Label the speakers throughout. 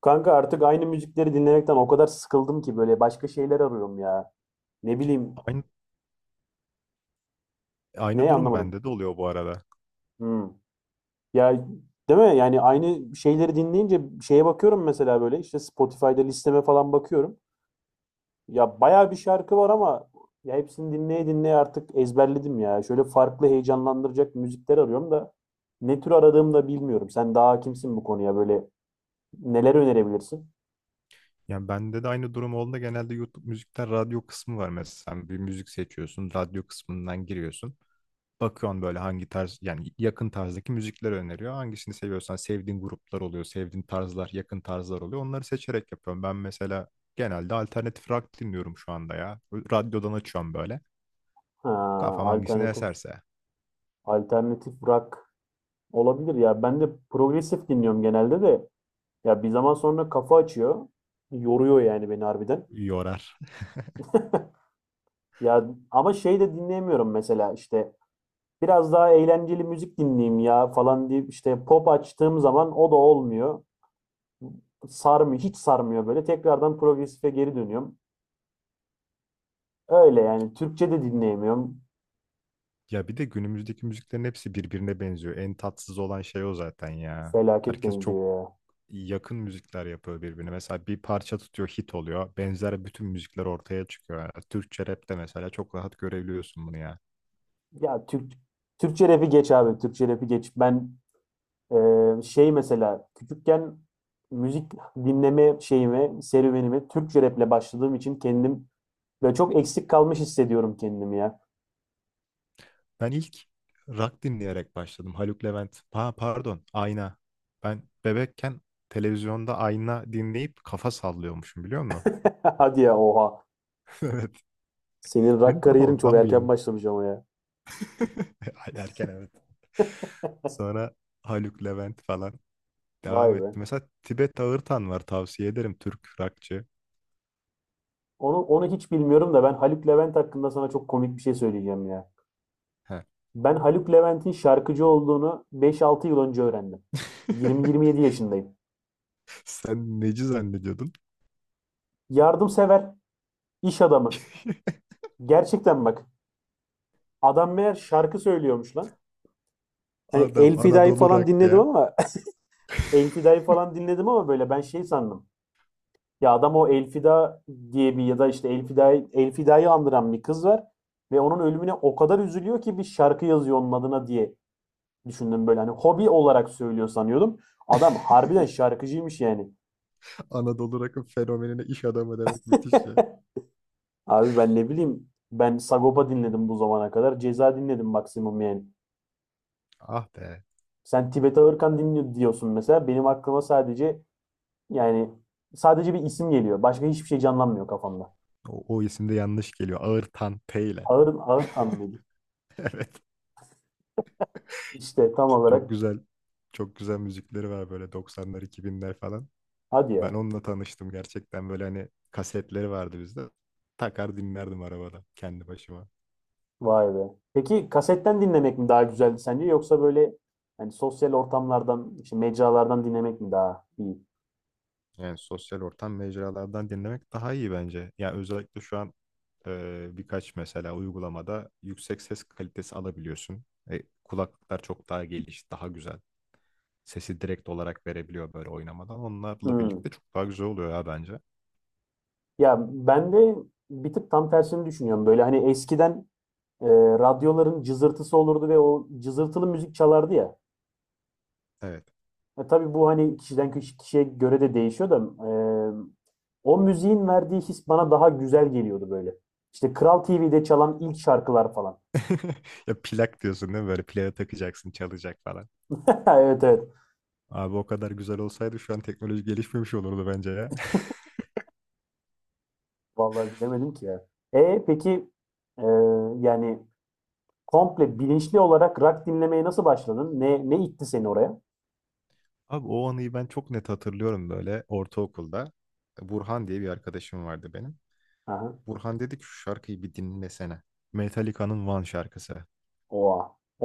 Speaker 1: Kanka artık aynı müzikleri dinlemekten o kadar sıkıldım ki böyle başka şeyler arıyorum ya. Ne bileyim
Speaker 2: Aynı, aynı
Speaker 1: ne
Speaker 2: durum
Speaker 1: anlamadım.
Speaker 2: bende de oluyor bu arada.
Speaker 1: Hmm. Ya, değil mi? Yani aynı şeyleri dinleyince şeye bakıyorum, mesela böyle işte Spotify'da listeme falan bakıyorum. Ya bayağı bir şarkı var ama ya hepsini dinleye dinleye artık ezberledim ya. Şöyle farklı heyecanlandıracak müzikler arıyorum da ne tür aradığımı da bilmiyorum. Sen daha hakimsin bu konuya, böyle neler önerebilirsin?
Speaker 2: Yani bende de aynı durum olduğunda genelde YouTube müzikten radyo kısmı var mesela. Bir müzik seçiyorsun, radyo kısmından giriyorsun. Bakıyorsun böyle hangi tarz, yani yakın tarzdaki müzikler öneriyor. Hangisini seviyorsan sevdiğin gruplar oluyor, sevdiğin tarzlar, yakın tarzlar oluyor. Onları seçerek yapıyorum. Ben mesela genelde alternatif rock dinliyorum şu anda ya. Radyodan açıyorum böyle.
Speaker 1: Ha,
Speaker 2: Kafam hangisini
Speaker 1: alternatif
Speaker 2: eserse
Speaker 1: alternatif rock. Olabilir ya. Ben de progresif dinliyorum genelde de. Ya bir zaman sonra kafa açıyor. Yoruyor yani beni harbiden.
Speaker 2: yorar.
Speaker 1: Ya, ama şey de dinleyemiyorum mesela, işte biraz daha eğlenceli müzik dinleyeyim ya falan deyip işte pop açtığım zaman o da olmuyor. Sarmıyor, hiç sarmıyor böyle. Tekrardan progresife geri dönüyorum. Öyle yani, Türkçe de dinleyemiyorum.
Speaker 2: Ya bir de günümüzdeki müziklerin hepsi birbirine benziyor. En tatsız olan şey o zaten ya.
Speaker 1: Felaket
Speaker 2: Herkes çok
Speaker 1: benziyor ya.
Speaker 2: yakın müzikler yapıyor birbirine. Mesela bir parça tutuyor hit oluyor. Benzer bütün müzikler ortaya çıkıyor. Yani Türkçe rapte mesela çok rahat görebiliyorsun bunu ya.
Speaker 1: Ya Türk Türkçe rap'i geç abi. Türkçe rap'i geç. Ben Şey mesela küçükken müzik dinleme şeyimi, serüvenimi Türkçe raple başladığım için kendim ve çok eksik kalmış hissediyorum kendimi ya.
Speaker 2: Ben ilk rock dinleyerek başladım. Haluk Levent. Ha, pardon, Ayna. Ben bebekken televizyonda Ayna dinleyip kafa sallıyormuşum biliyor musun?
Speaker 1: Hadi ya, oha.
Speaker 2: Evet.
Speaker 1: Senin rock
Speaker 2: Benim kafa
Speaker 1: kariyerin çok
Speaker 2: ondan bu
Speaker 1: erken
Speaker 2: yamuk.
Speaker 1: başlamış ama ya.
Speaker 2: Erken evet. Sonra Haluk Levent falan
Speaker 1: Vay
Speaker 2: devam
Speaker 1: be.
Speaker 2: etti. Mesela Tibet Ağırtan var tavsiye ederim Türk rockçı.
Speaker 1: Onu hiç bilmiyorum da ben Haluk Levent hakkında sana çok komik bir şey söyleyeceğim ya.
Speaker 2: He.
Speaker 1: Ben Haluk Levent'in şarkıcı olduğunu 5-6 yıl önce öğrendim. 20-27 yaşındayım.
Speaker 2: Sen neci zannediyordun?
Speaker 1: Yardımsever, iş adamı. Gerçekten bak. Adam meğer şarkı söylüyormuş lan. Hani
Speaker 2: Adam
Speaker 1: El Fida'yı
Speaker 2: Anadolu
Speaker 1: falan
Speaker 2: Rock
Speaker 1: dinledim
Speaker 2: ya.
Speaker 1: ama El Fida'yı falan dinledim ama böyle ben şey sandım. Ya adam o El Fida diye bir, ya da işte El Fida'yı, andıran bir kız var ve onun ölümüne o kadar üzülüyor ki bir şarkı yazıyor onun adına diye düşündüm, böyle hani hobi olarak söylüyor sanıyordum. Adam harbiden şarkıcıymış yani.
Speaker 2: Anadolu Rock'ın fenomenine iş adamı demek müthiş ya.
Speaker 1: Abi ben ne bileyim, ben Sagopa dinledim bu zamana kadar. Ceza dinledim maksimum yani.
Speaker 2: Ah be.
Speaker 1: Sen Tibet Ağırkan dinliyor diyorsun mesela. Benim aklıma sadece Yani sadece bir isim geliyor. Başka hiçbir şey canlanmıyor kafamda.
Speaker 2: O isim de yanlış geliyor. Ağırtan T ile.
Speaker 1: Ağır tam mıydı?
Speaker 2: Evet.
Speaker 1: İşte tam olarak
Speaker 2: Çok güzel. Çok güzel müzikleri var böyle 90'lar 2000'ler falan.
Speaker 1: hadi
Speaker 2: Ben
Speaker 1: ya.
Speaker 2: onunla tanıştım gerçekten böyle hani kasetleri vardı bizde. Takar dinlerdim arabada kendi başıma.
Speaker 1: Vay be. Peki kasetten dinlemek mi daha güzeldi sence, yoksa böyle hani sosyal ortamlardan, işte mecralardan dinlemek mi daha iyi?
Speaker 2: Yani sosyal ortam mecralardan dinlemek daha iyi bence. Yani özellikle şu an birkaç mesela uygulamada yüksek ses kalitesi alabiliyorsun. Kulaklıklar çok daha daha güzel. Sesi direkt olarak verebiliyor böyle oynamadan. Onlarla
Speaker 1: Hmm.
Speaker 2: birlikte çok daha güzel oluyor ya bence.
Speaker 1: Ya ben de bir tık tam tersini düşünüyorum. Böyle hani eskiden e, radyoların cızırtısı olurdu ve o cızırtılı müzik çalardı ya.
Speaker 2: Evet.
Speaker 1: E, tabii bu hani kişiye göre de değişiyor da e, o müziğin verdiği his bana daha güzel geliyordu böyle. İşte Kral TV'de çalan ilk şarkılar falan.
Speaker 2: Ya plak diyorsun değil mi? Böyle plağa takacaksın, çalacak falan.
Speaker 1: Evet, evet.
Speaker 2: Abi o kadar güzel olsaydı şu an teknoloji gelişmemiş olurdu bence ya.
Speaker 1: Vallahi bilemedim ki ya. E peki e, yani komple bilinçli olarak rock dinlemeye nasıl başladın? Ne itti seni oraya?
Speaker 2: Abi o anıyı ben çok net hatırlıyorum böyle ortaokulda. Burhan diye bir arkadaşım vardı benim.
Speaker 1: Aha.
Speaker 2: Burhan dedi ki şu şarkıyı bir dinlesene. Metallica'nın One şarkısı.
Speaker 1: Oha.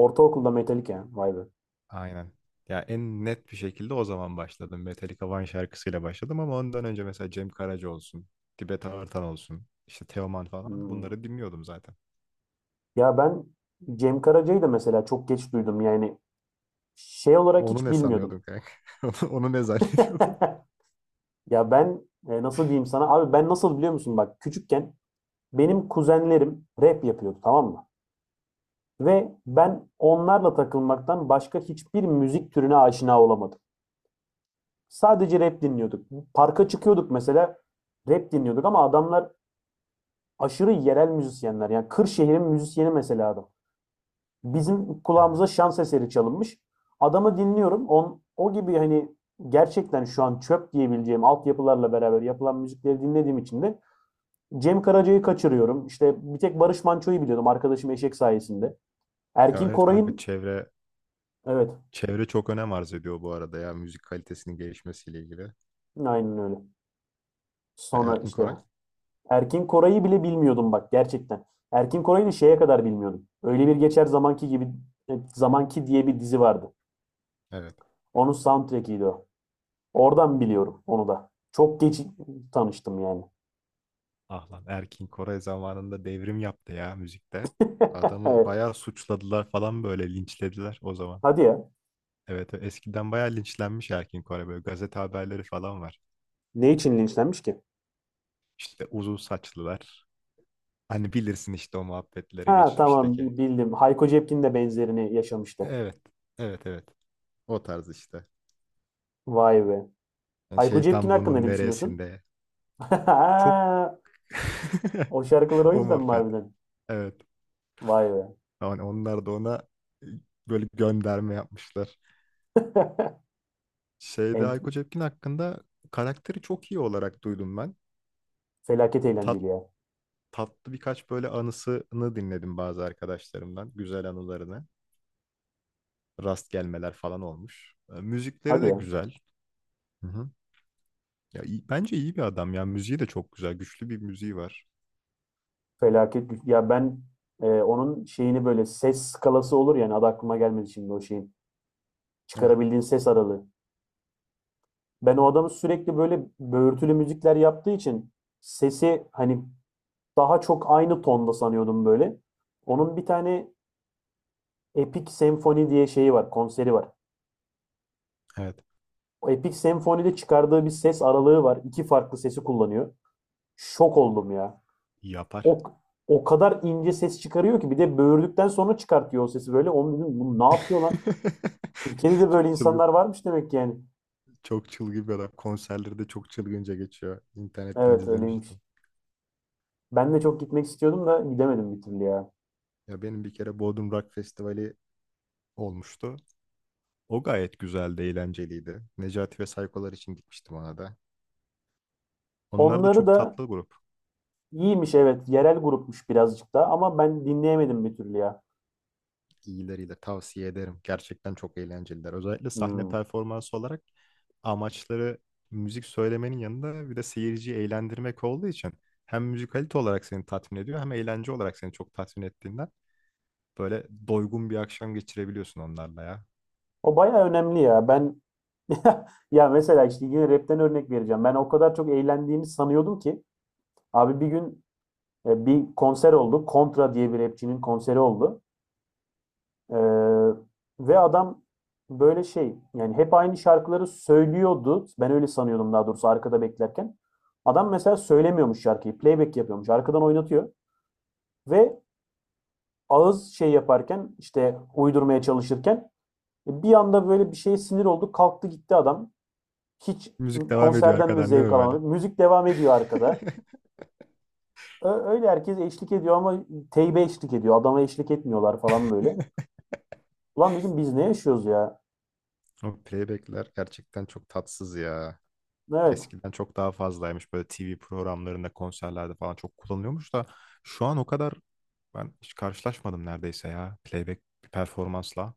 Speaker 1: Ortaokulda Metallica, ha. Vay be.
Speaker 2: Aynen. Ya en net bir şekilde o zaman başladım. Metallica One şarkısıyla başladım ama ondan önce mesela Cem Karaca olsun, Tibet Artan olsun, işte Teoman falan
Speaker 1: Hmm.
Speaker 2: bunları dinliyordum zaten.
Speaker 1: Ya ben Cem Karaca'yı da mesela çok geç duydum. Yani şey olarak
Speaker 2: Onu
Speaker 1: hiç
Speaker 2: ne sanıyordun
Speaker 1: bilmiyordum.
Speaker 2: kanka? Onu ne zannediyordun?
Speaker 1: Ya ben, nasıl diyeyim sana? Abi, ben nasıl biliyor musun? Bak küçükken benim kuzenlerim rap yapıyordu, tamam mı? Ve ben onlarla takılmaktan başka hiçbir müzik türüne aşina olamadım. Sadece rap dinliyorduk. Parka çıkıyorduk mesela, rap dinliyorduk ama adamlar aşırı yerel müzisyenler. Yani Kırşehir'in müzisyeni mesela adam. Bizim kulağımıza şans eseri çalınmış. Adamı dinliyorum. O gibi hani gerçekten şu an çöp diyebileceğim altyapılarla beraber yapılan müzikleri dinlediğim için de Cem Karaca'yı kaçırıyorum. İşte bir tek Barış Manço'yu biliyordum arkadaşım Eşek sayesinde.
Speaker 2: Ya
Speaker 1: Erkin
Speaker 2: evet kanka
Speaker 1: Koray'ın
Speaker 2: çevre
Speaker 1: evet,
Speaker 2: çevre çok önem arz ediyor bu arada ya müzik kalitesinin gelişmesiyle ilgili.
Speaker 1: aynen öyle. Sonra
Speaker 2: Erkin
Speaker 1: işte
Speaker 2: Koray.
Speaker 1: Erkin Koray'ı bile bilmiyordum bak, gerçekten. Erkin Koray'ı şeye kadar bilmiyordum. Öyle bir geçer zamanki gibi, zamanki diye bir dizi vardı.
Speaker 2: Evet.
Speaker 1: Onun soundtrack'iydi o. Oradan biliyorum onu da. Çok geç tanıştım yani.
Speaker 2: Ah lan Erkin Koray zamanında devrim yaptı ya müzikte. Adamı bayağı suçladılar falan böyle linçlediler o zaman.
Speaker 1: Hadi ya.
Speaker 2: Evet, evet, eskiden bayağı linçlenmiş Erkin Koray böyle gazete haberleri falan var.
Speaker 1: Ne için linçlenmiş ki?
Speaker 2: İşte uzun saçlılar. Hani bilirsin işte o muhabbetlere
Speaker 1: Ha, tamam
Speaker 2: geçmişteki.
Speaker 1: bildim. Hayko Cepkin de benzerini yaşamıştı.
Speaker 2: Evet, evet, evet, o tarz işte.
Speaker 1: Vay be.
Speaker 2: Yani
Speaker 1: Hayko Cepkin
Speaker 2: şeytan
Speaker 1: hakkında
Speaker 2: bunun
Speaker 1: ne düşünüyorsun?
Speaker 2: neresinde? Çok
Speaker 1: O şarkılar o
Speaker 2: o
Speaker 1: yüzden mi
Speaker 2: muhabbet.
Speaker 1: harbiden?
Speaker 2: Evet.
Speaker 1: Vay be.
Speaker 2: Yani onlar da ona e, böyle gönderme yapmışlar. Şeyde
Speaker 1: En,
Speaker 2: Hayko Cepkin hakkında karakteri çok iyi olarak duydum ben.
Speaker 1: felaket
Speaker 2: Tat,
Speaker 1: eğlenceli ya.
Speaker 2: tatlı birkaç böyle anısını dinledim bazı arkadaşlarımdan. Güzel anılarını. Rast gelmeler falan olmuş. Müzikleri
Speaker 1: Hadi
Speaker 2: de
Speaker 1: ya.
Speaker 2: güzel. Hı hı. Ya, bence iyi bir adam ya. Müziği de çok güzel. Güçlü bir müziği var.
Speaker 1: Felaket. Ya ben, onun şeyini, böyle ses skalası olur yani, adı aklıma gelmedi şimdi o şeyin.
Speaker 2: Evet.
Speaker 1: Çıkarabildiğin ses aralığı. Ben o adamı sürekli böyle böğürtülü müzikler yaptığı için sesi hani daha çok aynı tonda sanıyordum böyle. Onun bir tane Epic Senfoni diye şeyi var, konseri var.
Speaker 2: Evet.
Speaker 1: O Epic Senfoni'de çıkardığı bir ses aralığı var. İki farklı sesi kullanıyor. Şok oldum ya.
Speaker 2: Yapar.
Speaker 1: O o kadar ince ses çıkarıyor ki bir de böğürdükten sonra çıkartıyor o sesi böyle. Onu dedim, bu ne yapıyor lan? Türkiye'de de böyle
Speaker 2: Çok çılgın,
Speaker 1: insanlar varmış demek ki yani.
Speaker 2: çok çılgın bir adam. Konserleri de çok çılgınca geçiyor. İnternetten
Speaker 1: Evet, öyleymiş.
Speaker 2: izlemiştim.
Speaker 1: Ben de çok gitmek istiyordum da gidemedim bir türlü ya.
Speaker 2: Ya benim bir kere Bodrum Rock Festivali olmuştu. O gayet güzeldi, eğlenceliydi. Necati ve Saykolar için gitmiştim ona da. Onlar da
Speaker 1: Onları
Speaker 2: çok
Speaker 1: da
Speaker 2: tatlı grup.
Speaker 1: iyiymiş evet. Yerel grupmuş birazcık da ama ben dinleyemedim bir türlü ya.
Speaker 2: İyileriyle tavsiye ederim. Gerçekten çok eğlenceliler. Özellikle sahne
Speaker 1: Hmm.
Speaker 2: performansı olarak amaçları müzik söylemenin yanında bir de seyirciyi eğlendirmek olduğu için hem müzikalite olarak seni tatmin ediyor hem eğlence olarak seni çok tatmin ettiğinden böyle doygun bir akşam geçirebiliyorsun onlarla ya.
Speaker 1: O baya önemli ya. Ben ya mesela işte yine rapten örnek vereceğim. Ben o kadar çok eğlendiğimi sanıyordum ki abi bir gün bir konser oldu. Kontra diye bir rapçinin konseri oldu. Ee, Ve adam böyle şey yani hep aynı şarkıları söylüyordu. Ben öyle sanıyordum, daha doğrusu arkada beklerken. Adam mesela söylemiyormuş şarkıyı. Playback yapıyormuş. Arkadan oynatıyor. Ve ağız şey yaparken, işte uydurmaya çalışırken bir anda böyle bir şeye sinir oldu. Kalktı gitti adam. Hiç
Speaker 2: Müzik devam ediyor
Speaker 1: konserden de
Speaker 2: arkadan değil
Speaker 1: zevk
Speaker 2: mi böyle?
Speaker 1: alamadık. Müzik devam ediyor arkada. Öyle herkes eşlik ediyor ama teybe eşlik ediyor. Adama eşlik etmiyorlar falan böyle. Ulan dedim, biz ne yaşıyoruz ya?
Speaker 2: O playbackler gerçekten çok tatsız ya.
Speaker 1: Evet.
Speaker 2: Eskiden çok daha fazlaymış. Böyle TV programlarında, konserlerde falan çok kullanılıyormuş da şu an o kadar ben hiç karşılaşmadım neredeyse ya playback bir performansla.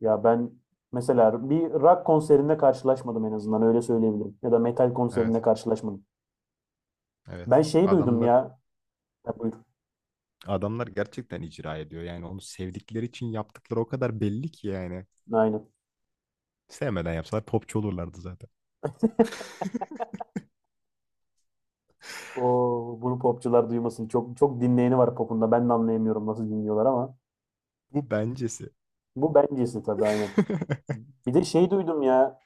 Speaker 1: Ya ben mesela bir rock konserinde karşılaşmadım, en azından öyle söyleyebilirim. Ya da metal
Speaker 2: Evet,
Speaker 1: konserinde karşılaşmadım. Ben
Speaker 2: evet.
Speaker 1: şey duydum
Speaker 2: Adamlar
Speaker 1: ya. Ha, buyur.
Speaker 2: adamlar gerçekten icra ediyor. Yani onu sevdikleri için yaptıkları o kadar belli ki yani.
Speaker 1: Aynen.
Speaker 2: Sevmeden yapsalar popçu olurlardı zaten.
Speaker 1: O, bunu popçular duymasın. Çok çok dinleyeni var popunda. Ben de anlayamıyorum nasıl dinliyorlar ama.
Speaker 2: Bu bencesi.
Speaker 1: Bu bencesi tabii, aynen. Bir de şey duydum ya.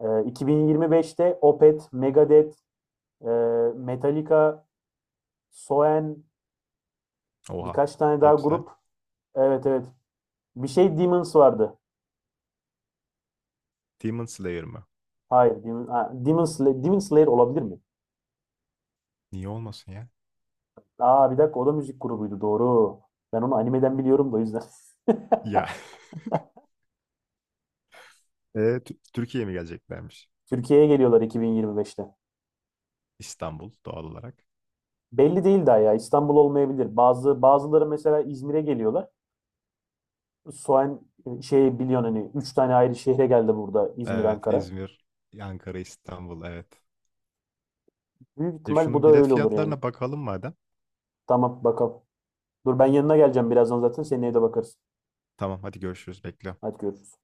Speaker 1: 2025'te Opeth, Megadeth, e, Metallica, Soen,
Speaker 2: Oha.
Speaker 1: birkaç tane daha
Speaker 2: Hepsi ha?
Speaker 1: grup. Evet, evet. Bir şey Demons vardı.
Speaker 2: Demon Slayer mı?
Speaker 1: Hayır. Demon Slayer, Demon Slayer olabilir mi?
Speaker 2: Niye olmasın ya?
Speaker 1: Aa bir dakika, o da müzik grubuydu doğru. Ben onu animeden biliyorum da, o yüzden.
Speaker 2: Ya. Türkiye'ye mi geleceklermiş?
Speaker 1: Türkiye'ye geliyorlar 2025'te.
Speaker 2: İstanbul doğal olarak.
Speaker 1: Belli değil daha ya, İstanbul olmayabilir. Bazıları mesela İzmir'e geliyorlar. Soğan Şey biliyorsun hani 3 tane ayrı şehre geldi burada, İzmir,
Speaker 2: Evet,
Speaker 1: Ankara.
Speaker 2: İzmir, Ankara, İstanbul, evet.
Speaker 1: Büyük ihtimal bu
Speaker 2: Şunun
Speaker 1: da
Speaker 2: bilet
Speaker 1: öyle olur yani.
Speaker 2: fiyatlarına bakalım madem.
Speaker 1: Tamam, bakalım. Dur ben yanına geleceğim birazdan, zaten seneye de bakarız.
Speaker 2: Tamam, hadi görüşürüz, bekliyorum.
Speaker 1: Hadi görüşürüz.